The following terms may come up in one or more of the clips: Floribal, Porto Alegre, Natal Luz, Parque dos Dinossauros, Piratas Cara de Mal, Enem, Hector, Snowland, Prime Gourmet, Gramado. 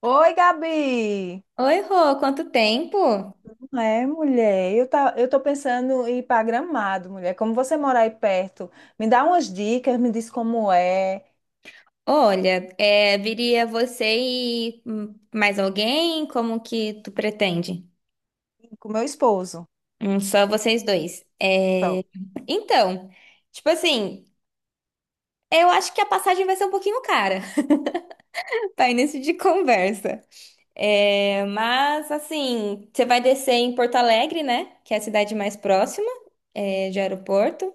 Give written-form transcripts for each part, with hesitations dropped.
Oi, Gabi! Oi, Rô, quanto tempo? Não, mulher, eu tô pensando em ir para Gramado, mulher. Como você mora aí perto, me dá umas dicas, me diz como é, Olha, é, viria você e mais alguém? Como que tu pretende? com meu esposo. Só vocês dois. É, Então. então, tipo assim, eu acho que a passagem vai ser um pouquinho cara para início de conversa. É, mas, assim, você vai descer em Porto Alegre, né? Que é a cidade mais próxima, é, de aeroporto.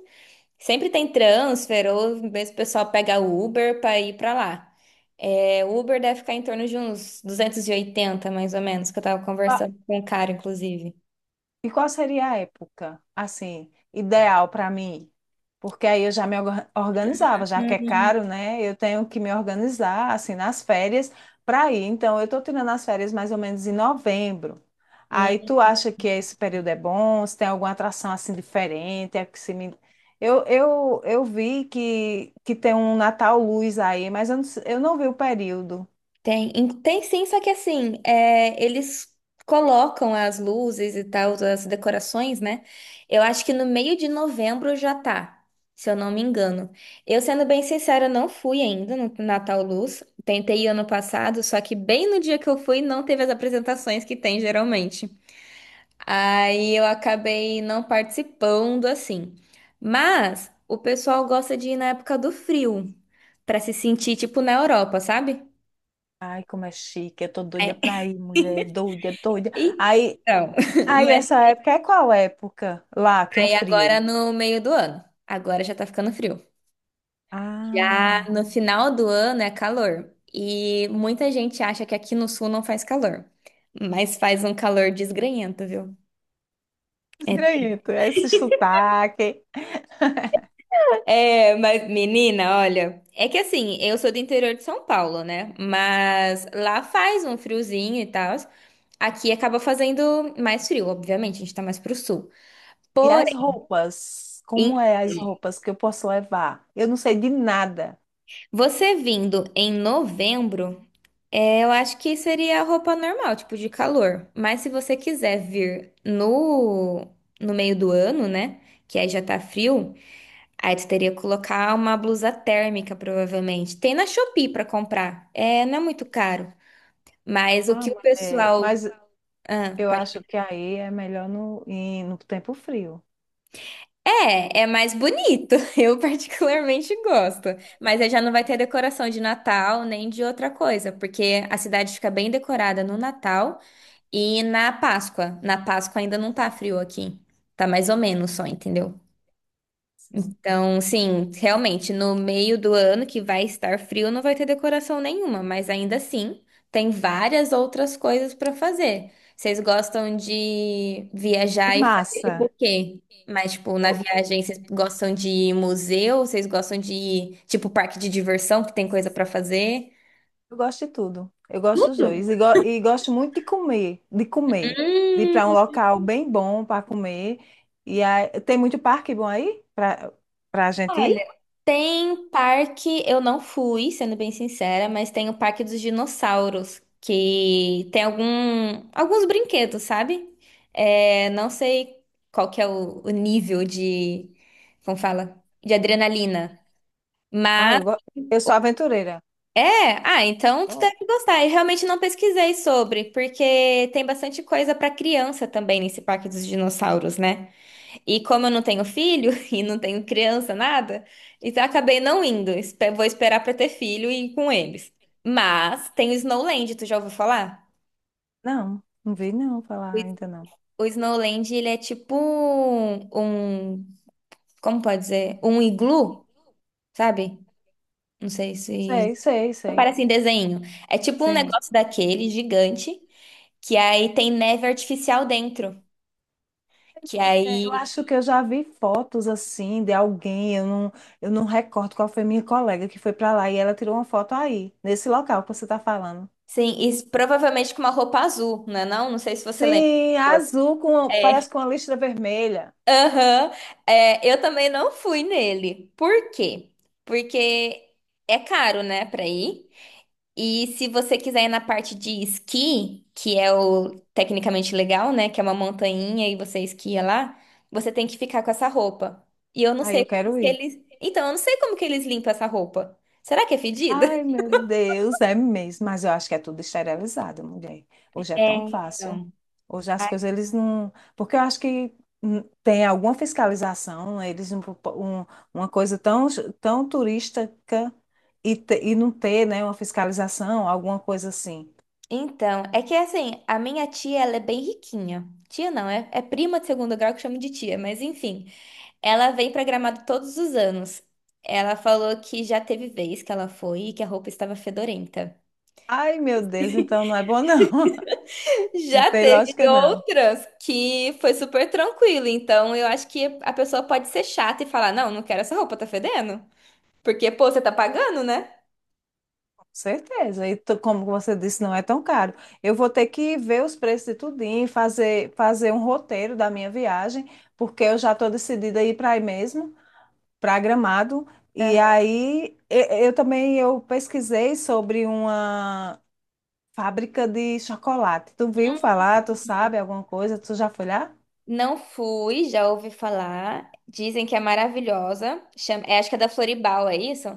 Sempre tem transfer, ou mesmo o pessoal pega Uber para ir para lá. É, o Uber deve ficar em torno de uns 280 mais ou menos, que eu tava conversando com o cara, inclusive. E qual seria a época, assim, ideal para mim? Porque aí eu já organizava, já que é caro, né? Eu tenho que me organizar, assim, nas férias para ir. Então, eu estou tirando as férias mais ou menos em novembro. Aí, Uhum. tu acha que esse período é bom? Se tem alguma atração, assim, diferente? É que se me... Eu vi que tem um Natal Luz aí, mas eu não vi o período. Tem sim, só que assim, é, eles colocam as luzes e tal, as decorações, né? Eu acho que no meio de novembro já tá, se eu não me engano. Eu, sendo bem sincera, não fui ainda no Natal Luz. Tentei ano passado, só que bem no dia que eu fui não teve as apresentações que tem geralmente. Aí eu acabei não participando assim. Mas o pessoal gosta de ir na época do frio, pra se sentir tipo na Europa, sabe? Ai, como é chique, eu tô doida pra É. ir, mulher, doida, doida. Aí Então, Aí, mas essa época é qual época? Lá, que é aí agora frio. no meio do ano. Agora já tá ficando frio. Já Ah, no final do ano é calor. E muita gente acha que aqui no sul não faz calor. Mas faz um calor desgrenhento, viu? esgranhento, esse sotaque. Mas menina, olha. É que assim, eu sou do interior de São Paulo, né? Mas lá faz um friozinho e tal. Aqui acaba fazendo mais frio, obviamente, a gente tá mais pro sul. E as Porém, roupas? Como é as roupas que eu posso levar? Eu não sei de nada. você vindo em novembro. É, eu acho que seria a roupa normal, tipo de calor. Mas se você quiser vir no meio do ano, né? Que aí já tá frio, aí tu teria que colocar uma blusa térmica, provavelmente. Tem na Shopee pra comprar. É, não é muito caro. Mas o Ah, que o mulher, pessoal. mas Ah, eu pode... acho que aí é melhor ir no tempo frio. É mais bonito. Eu particularmente gosto. Mas aí já não vai ter decoração de Natal nem de outra coisa, porque a cidade fica bem decorada no Natal. E na Páscoa. Na Páscoa ainda não tá frio aqui. Tá mais ou menos só, entendeu? Sim. Então, sim, realmente, no meio do ano que vai estar frio, não vai ter decoração nenhuma, mas ainda assim, tem várias outras coisas para fazer. Vocês gostam de E viajar e fazer tipo o massa. quê? Mas, tipo, na viagem, vocês gostam de ir em museu? Vocês gostam de ir, tipo, parque de diversão, que tem coisa para fazer? Eu gosto de tudo. Eu gosto dos dois. E, e gosto muito de comer, de comer. De ir para um Hum. local bem bom para comer. E aí, tem muito parque bom aí para a gente Olha, ir? tem parque, eu não fui, sendo bem sincera, mas tem o Parque dos Dinossauros, que tem alguns brinquedos, sabe? É, não sei qual que é o nível de, como fala? De adrenalina. Ah, Mas, eu sou aventureira. é, ah, então tu Oh. deve gostar. Eu realmente não pesquisei sobre, porque tem bastante coisa pra criança também nesse Parque dos Dinossauros, né? E como eu não tenho filho e não tenho criança, nada, então eu acabei não indo. Vou esperar pra ter filho e ir com eles. Mas tem o Snowland, tu já ouviu falar? Não, não vi não falar ainda não. O Snowland, ele é tipo um, como pode dizer? Um iglu, sabe? Não sei se Sei, sei, sei. parece em desenho. É tipo um Sim. negócio daquele gigante que aí tem neve artificial dentro, que É, eu aí acho que eu já vi fotos assim de alguém, eu não recordo qual foi minha colega que foi para lá e ela tirou uma foto aí, nesse local que você está falando. sim, e provavelmente com uma roupa azul, né? Não, não sei se você lembra. Sim, azul com, parece com uma listra vermelha. Aham. É, eu também não fui nele. Por quê? Porque é caro, né, pra ir. E se você quiser ir na parte de esqui, que é o tecnicamente legal, né, que é uma montanha e você esquia lá, você tem que ficar com essa roupa. E eu não Aí sei eu como quero que ir. eles. Então, eu não sei como que eles limpam essa roupa. Será que é fedida? Ai, meu Deus, é mesmo. Mas eu acho que é tudo esterilizado, mulher. Hoje é É, tão fácil. então. Hoje as coisas eles não. Porque eu acho que tem alguma fiscalização, eles não propo- um- uma coisa tão turística e não ter, né, uma fiscalização, alguma coisa assim. Então, é que assim, a minha tia, ela é bem riquinha. Tia não, é prima de segundo grau que chama de tia, mas enfim. Ela vem pra Gramado todos os anos. Ela falou que já teve vez que ela foi e que a roupa estava fedorenta. Ai, meu Deus, então não é bom, não. Não Já tem teve lógica, não. outras que foi super tranquilo. Então, eu acho que a pessoa pode ser chata e falar: Não, não quero essa roupa, tá fedendo. Porque, pô, você tá pagando, né? Certeza. E como você disse, não é tão caro. Eu vou ter que ver os preços de tudinho, fazer um roteiro da minha viagem, porque eu já estou decidida a ir para aí mesmo, para Gramado. E Aham. aí também eu pesquisei sobre uma fábrica de chocolate. Tu viu falar? Tu sabe alguma coisa? Tu já foi lá? Não fui, já ouvi falar. Dizem que é maravilhosa. Chama, é, acho que é da Floribal, é isso?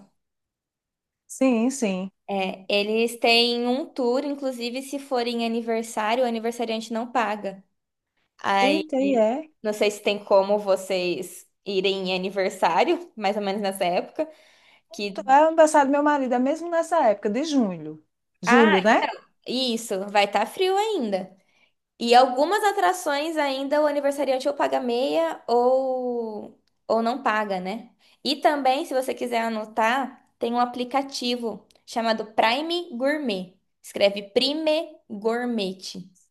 Sim, sim. É, eles têm um tour, inclusive se for em aniversário, o aniversariante não paga. Aí, Eita, e é. não sei se tem como vocês irem em aniversário, mais ou menos nessa época, que, É o aniversário do meu marido, é mesmo nessa época de julho. ah, Julho, né? isso, vai estar frio ainda. E algumas atrações ainda o aniversariante ou paga meia ou não paga, né? E também, se você quiser anotar, tem um aplicativo chamado Prime Gourmet. Escreve Prime Gourmet.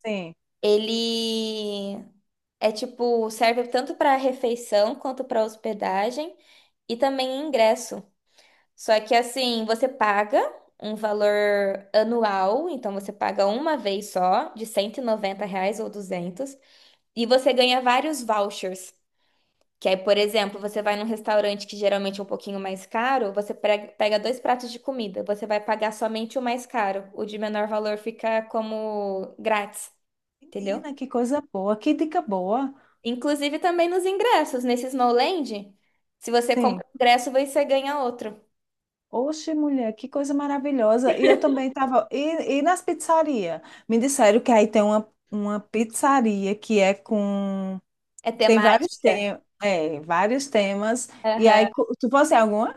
Sim. Ele é tipo, serve tanto para refeição quanto para hospedagem. E também ingresso. Só que assim, você paga um valor anual, então você paga uma vez só, de R$ 190 ou 200 e você ganha vários vouchers. Que aí, por exemplo, você vai num restaurante que geralmente é um pouquinho mais caro, você pega dois pratos de comida, você vai pagar somente o mais caro, o de menor valor fica como grátis, entendeu? Menina, que coisa boa, que dica boa. Inclusive também nos ingressos, nesse Snowland, se você Sim. compra um ingresso, você ganha outro. Oxe, mulher, que coisa maravilhosa. E eu também estava e nas pizzarias? Me disseram que aí tem uma pizzaria que é com. É Tem vários temática. temas. É, vários temas. E aí, tu fosse alguma?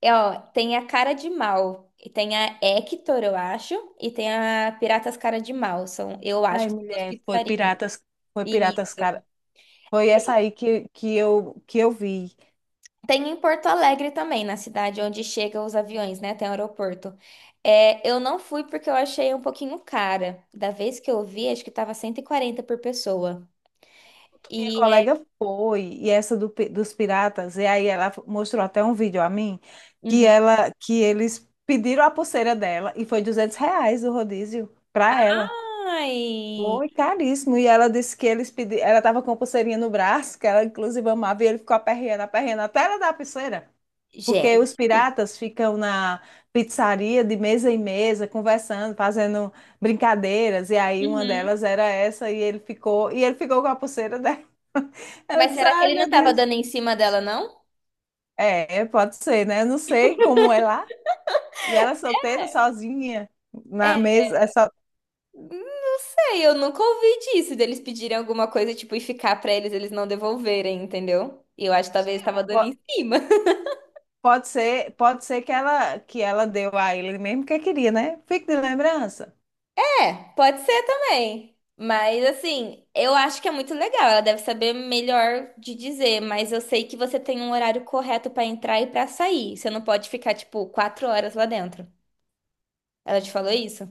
É, ó, tem a Cara de Mal, e tem a Hector, eu acho, e tem a Piratas Cara de Mal. São, eu acho Ai, que são duas mulher, foi pizzarias. Piratas. Foi E Piratas, cara. Foi essa aí que eu vi. tem em Porto Alegre também, na cidade onde chegam os aviões, né? Tem um aeroporto. É, eu não fui porque eu achei um pouquinho cara. Da vez que eu vi, acho que tava 140 por pessoa. Minha E é. colega foi, e essa dos piratas, e aí ela mostrou até um vídeo a mim, Uhum. Que eles pediram a pulseira dela, e foi R$ 200 o rodízio para ela. Ai! Foi caríssimo, e ela disse que eles pediram, ela estava com a pulseirinha no braço, que ela inclusive amava, e ele ficou aperreando, aperreando, até ela dar a pulseira. Porque Gente. os piratas ficam na pizzaria de mesa em mesa, conversando, fazendo brincadeiras, e aí uma Uhum. delas era essa, e ele ficou com a pulseira dela. Ela Mas disse, será que ai ele não meu tava Deus. dando em cima dela, não? É, pode ser, né? Eu não sei como é lá. E ela é solteira, sozinha, na mesa. É só... Não sei, eu nunca ouvi disso, deles pedirem alguma coisa, tipo, e ficar pra eles, eles não devolverem, entendeu? E eu acho que Acho que talvez tava dando po- em cima. Pode ser que ela deu a ele mesmo que queria, né? Fique de lembrança. É, pode ser também. Mas assim, eu acho que é muito legal. Ela deve saber melhor de dizer, mas eu sei que você tem um horário correto pra entrar e pra sair. Você não pode ficar, tipo, 4 horas lá dentro. Ela te falou isso?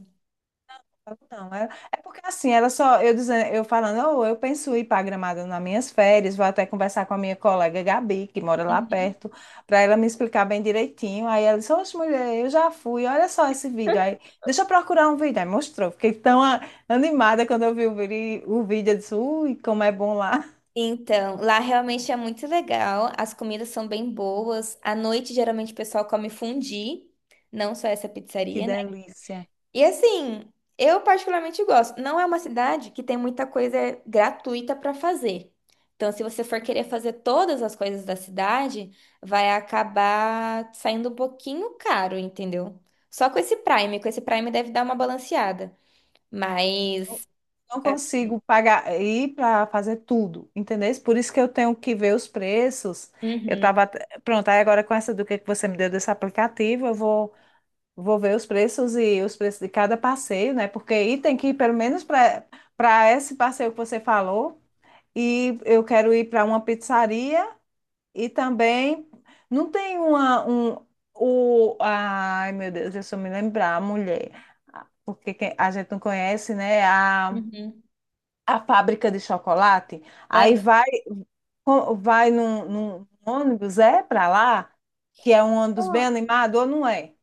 Não, é, é porque assim, eu dizendo, eu falando, "Oh, eu penso em ir para Gramado nas minhas férias, vou até conversar com a minha colega Gabi, que mora lá Uhum. perto, para ela me explicar bem direitinho. Aí ela disse, oxe, mulher, eu já fui, olha só esse vídeo. Aí, deixa eu procurar um vídeo. Aí mostrou, fiquei animada quando eu vi o vídeo, eu disse, ui, como é bom lá, Então, lá realmente é muito legal. As comidas são bem boas. À noite, geralmente, o pessoal come fondue, não só essa que pizzaria. delícia. E assim, eu particularmente gosto. Não é uma cidade que tem muita coisa gratuita para fazer. Então, se você for querer fazer todas as coisas da cidade, vai acabar saindo um pouquinho caro, entendeu? Só com esse Prime, deve dar uma balanceada. Mas. Não Assim, consigo pagar ir para fazer tudo, entendeu? Por isso que eu tenho que ver os preços. Eu Uhum, estava pronto, aí agora com essa do que você me deu desse aplicativo, eu vou vou ver os preços e os preços de cada passeio, né? Porque aí tem que ir pelo menos para esse passeio que você falou e eu quero ir para uma pizzaria e também não tem uma um o ai meu Deus, deixa eu me lembrar, mulher. Porque a gente não conhece, né? Uhum. A fábrica de chocolate, aí vai, co- vai num, num ônibus, é para lá, que é um ônibus bem Aham. animado ou não é?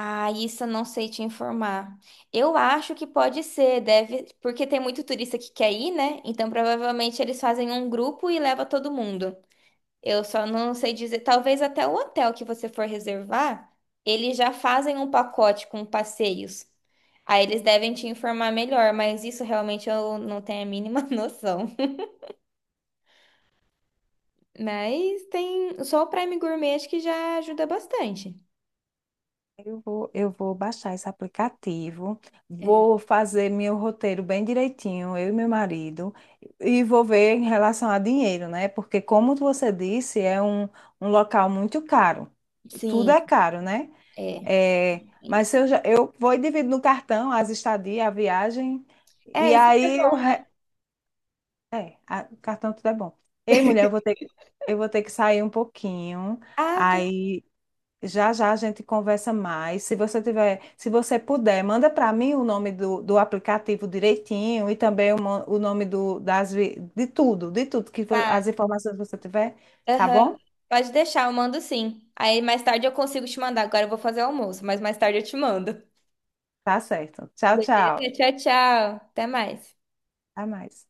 Ah, isso eu não sei te informar. Eu acho que pode ser, deve, porque tem muito turista que quer ir, né? Então provavelmente eles fazem um grupo e leva todo mundo. Eu só não sei dizer, talvez até o hotel que você for reservar, eles já fazem um pacote com passeios. Aí eles devem te informar melhor, mas isso realmente eu não tenho a mínima noção. Mas tem só o Prime Gourmet acho que já ajuda bastante. Eu vou baixar esse aplicativo, É. vou fazer meu roteiro bem direitinho, eu e meu marido, e vou ver em relação a dinheiro, né? Porque, como você disse, é um local muito caro. Tudo Sim, é caro, né? é. Eu vou e divido no cartão as estadias, a viagem, e É, isso que é aí eu, bom, né? é, o cartão tudo é bom. Ei, mulher, eu vou ter que sair um pouquinho. Ah, tá. Aí já já a gente conversa mais. Se você tiver, se você puder, manda para mim do aplicativo direitinho e também o, mo- o nome do, das, vi- de tudo, Tá. as informações que você tiver, tá Aham. bom? Pode deixar, eu mando sim. Aí mais tarde eu consigo te mandar. Agora eu vou fazer o almoço, mas mais tarde eu te mando. Tá certo. Tchau, tchau. Beleza? Tchau, tchau. Até mais. Até mais.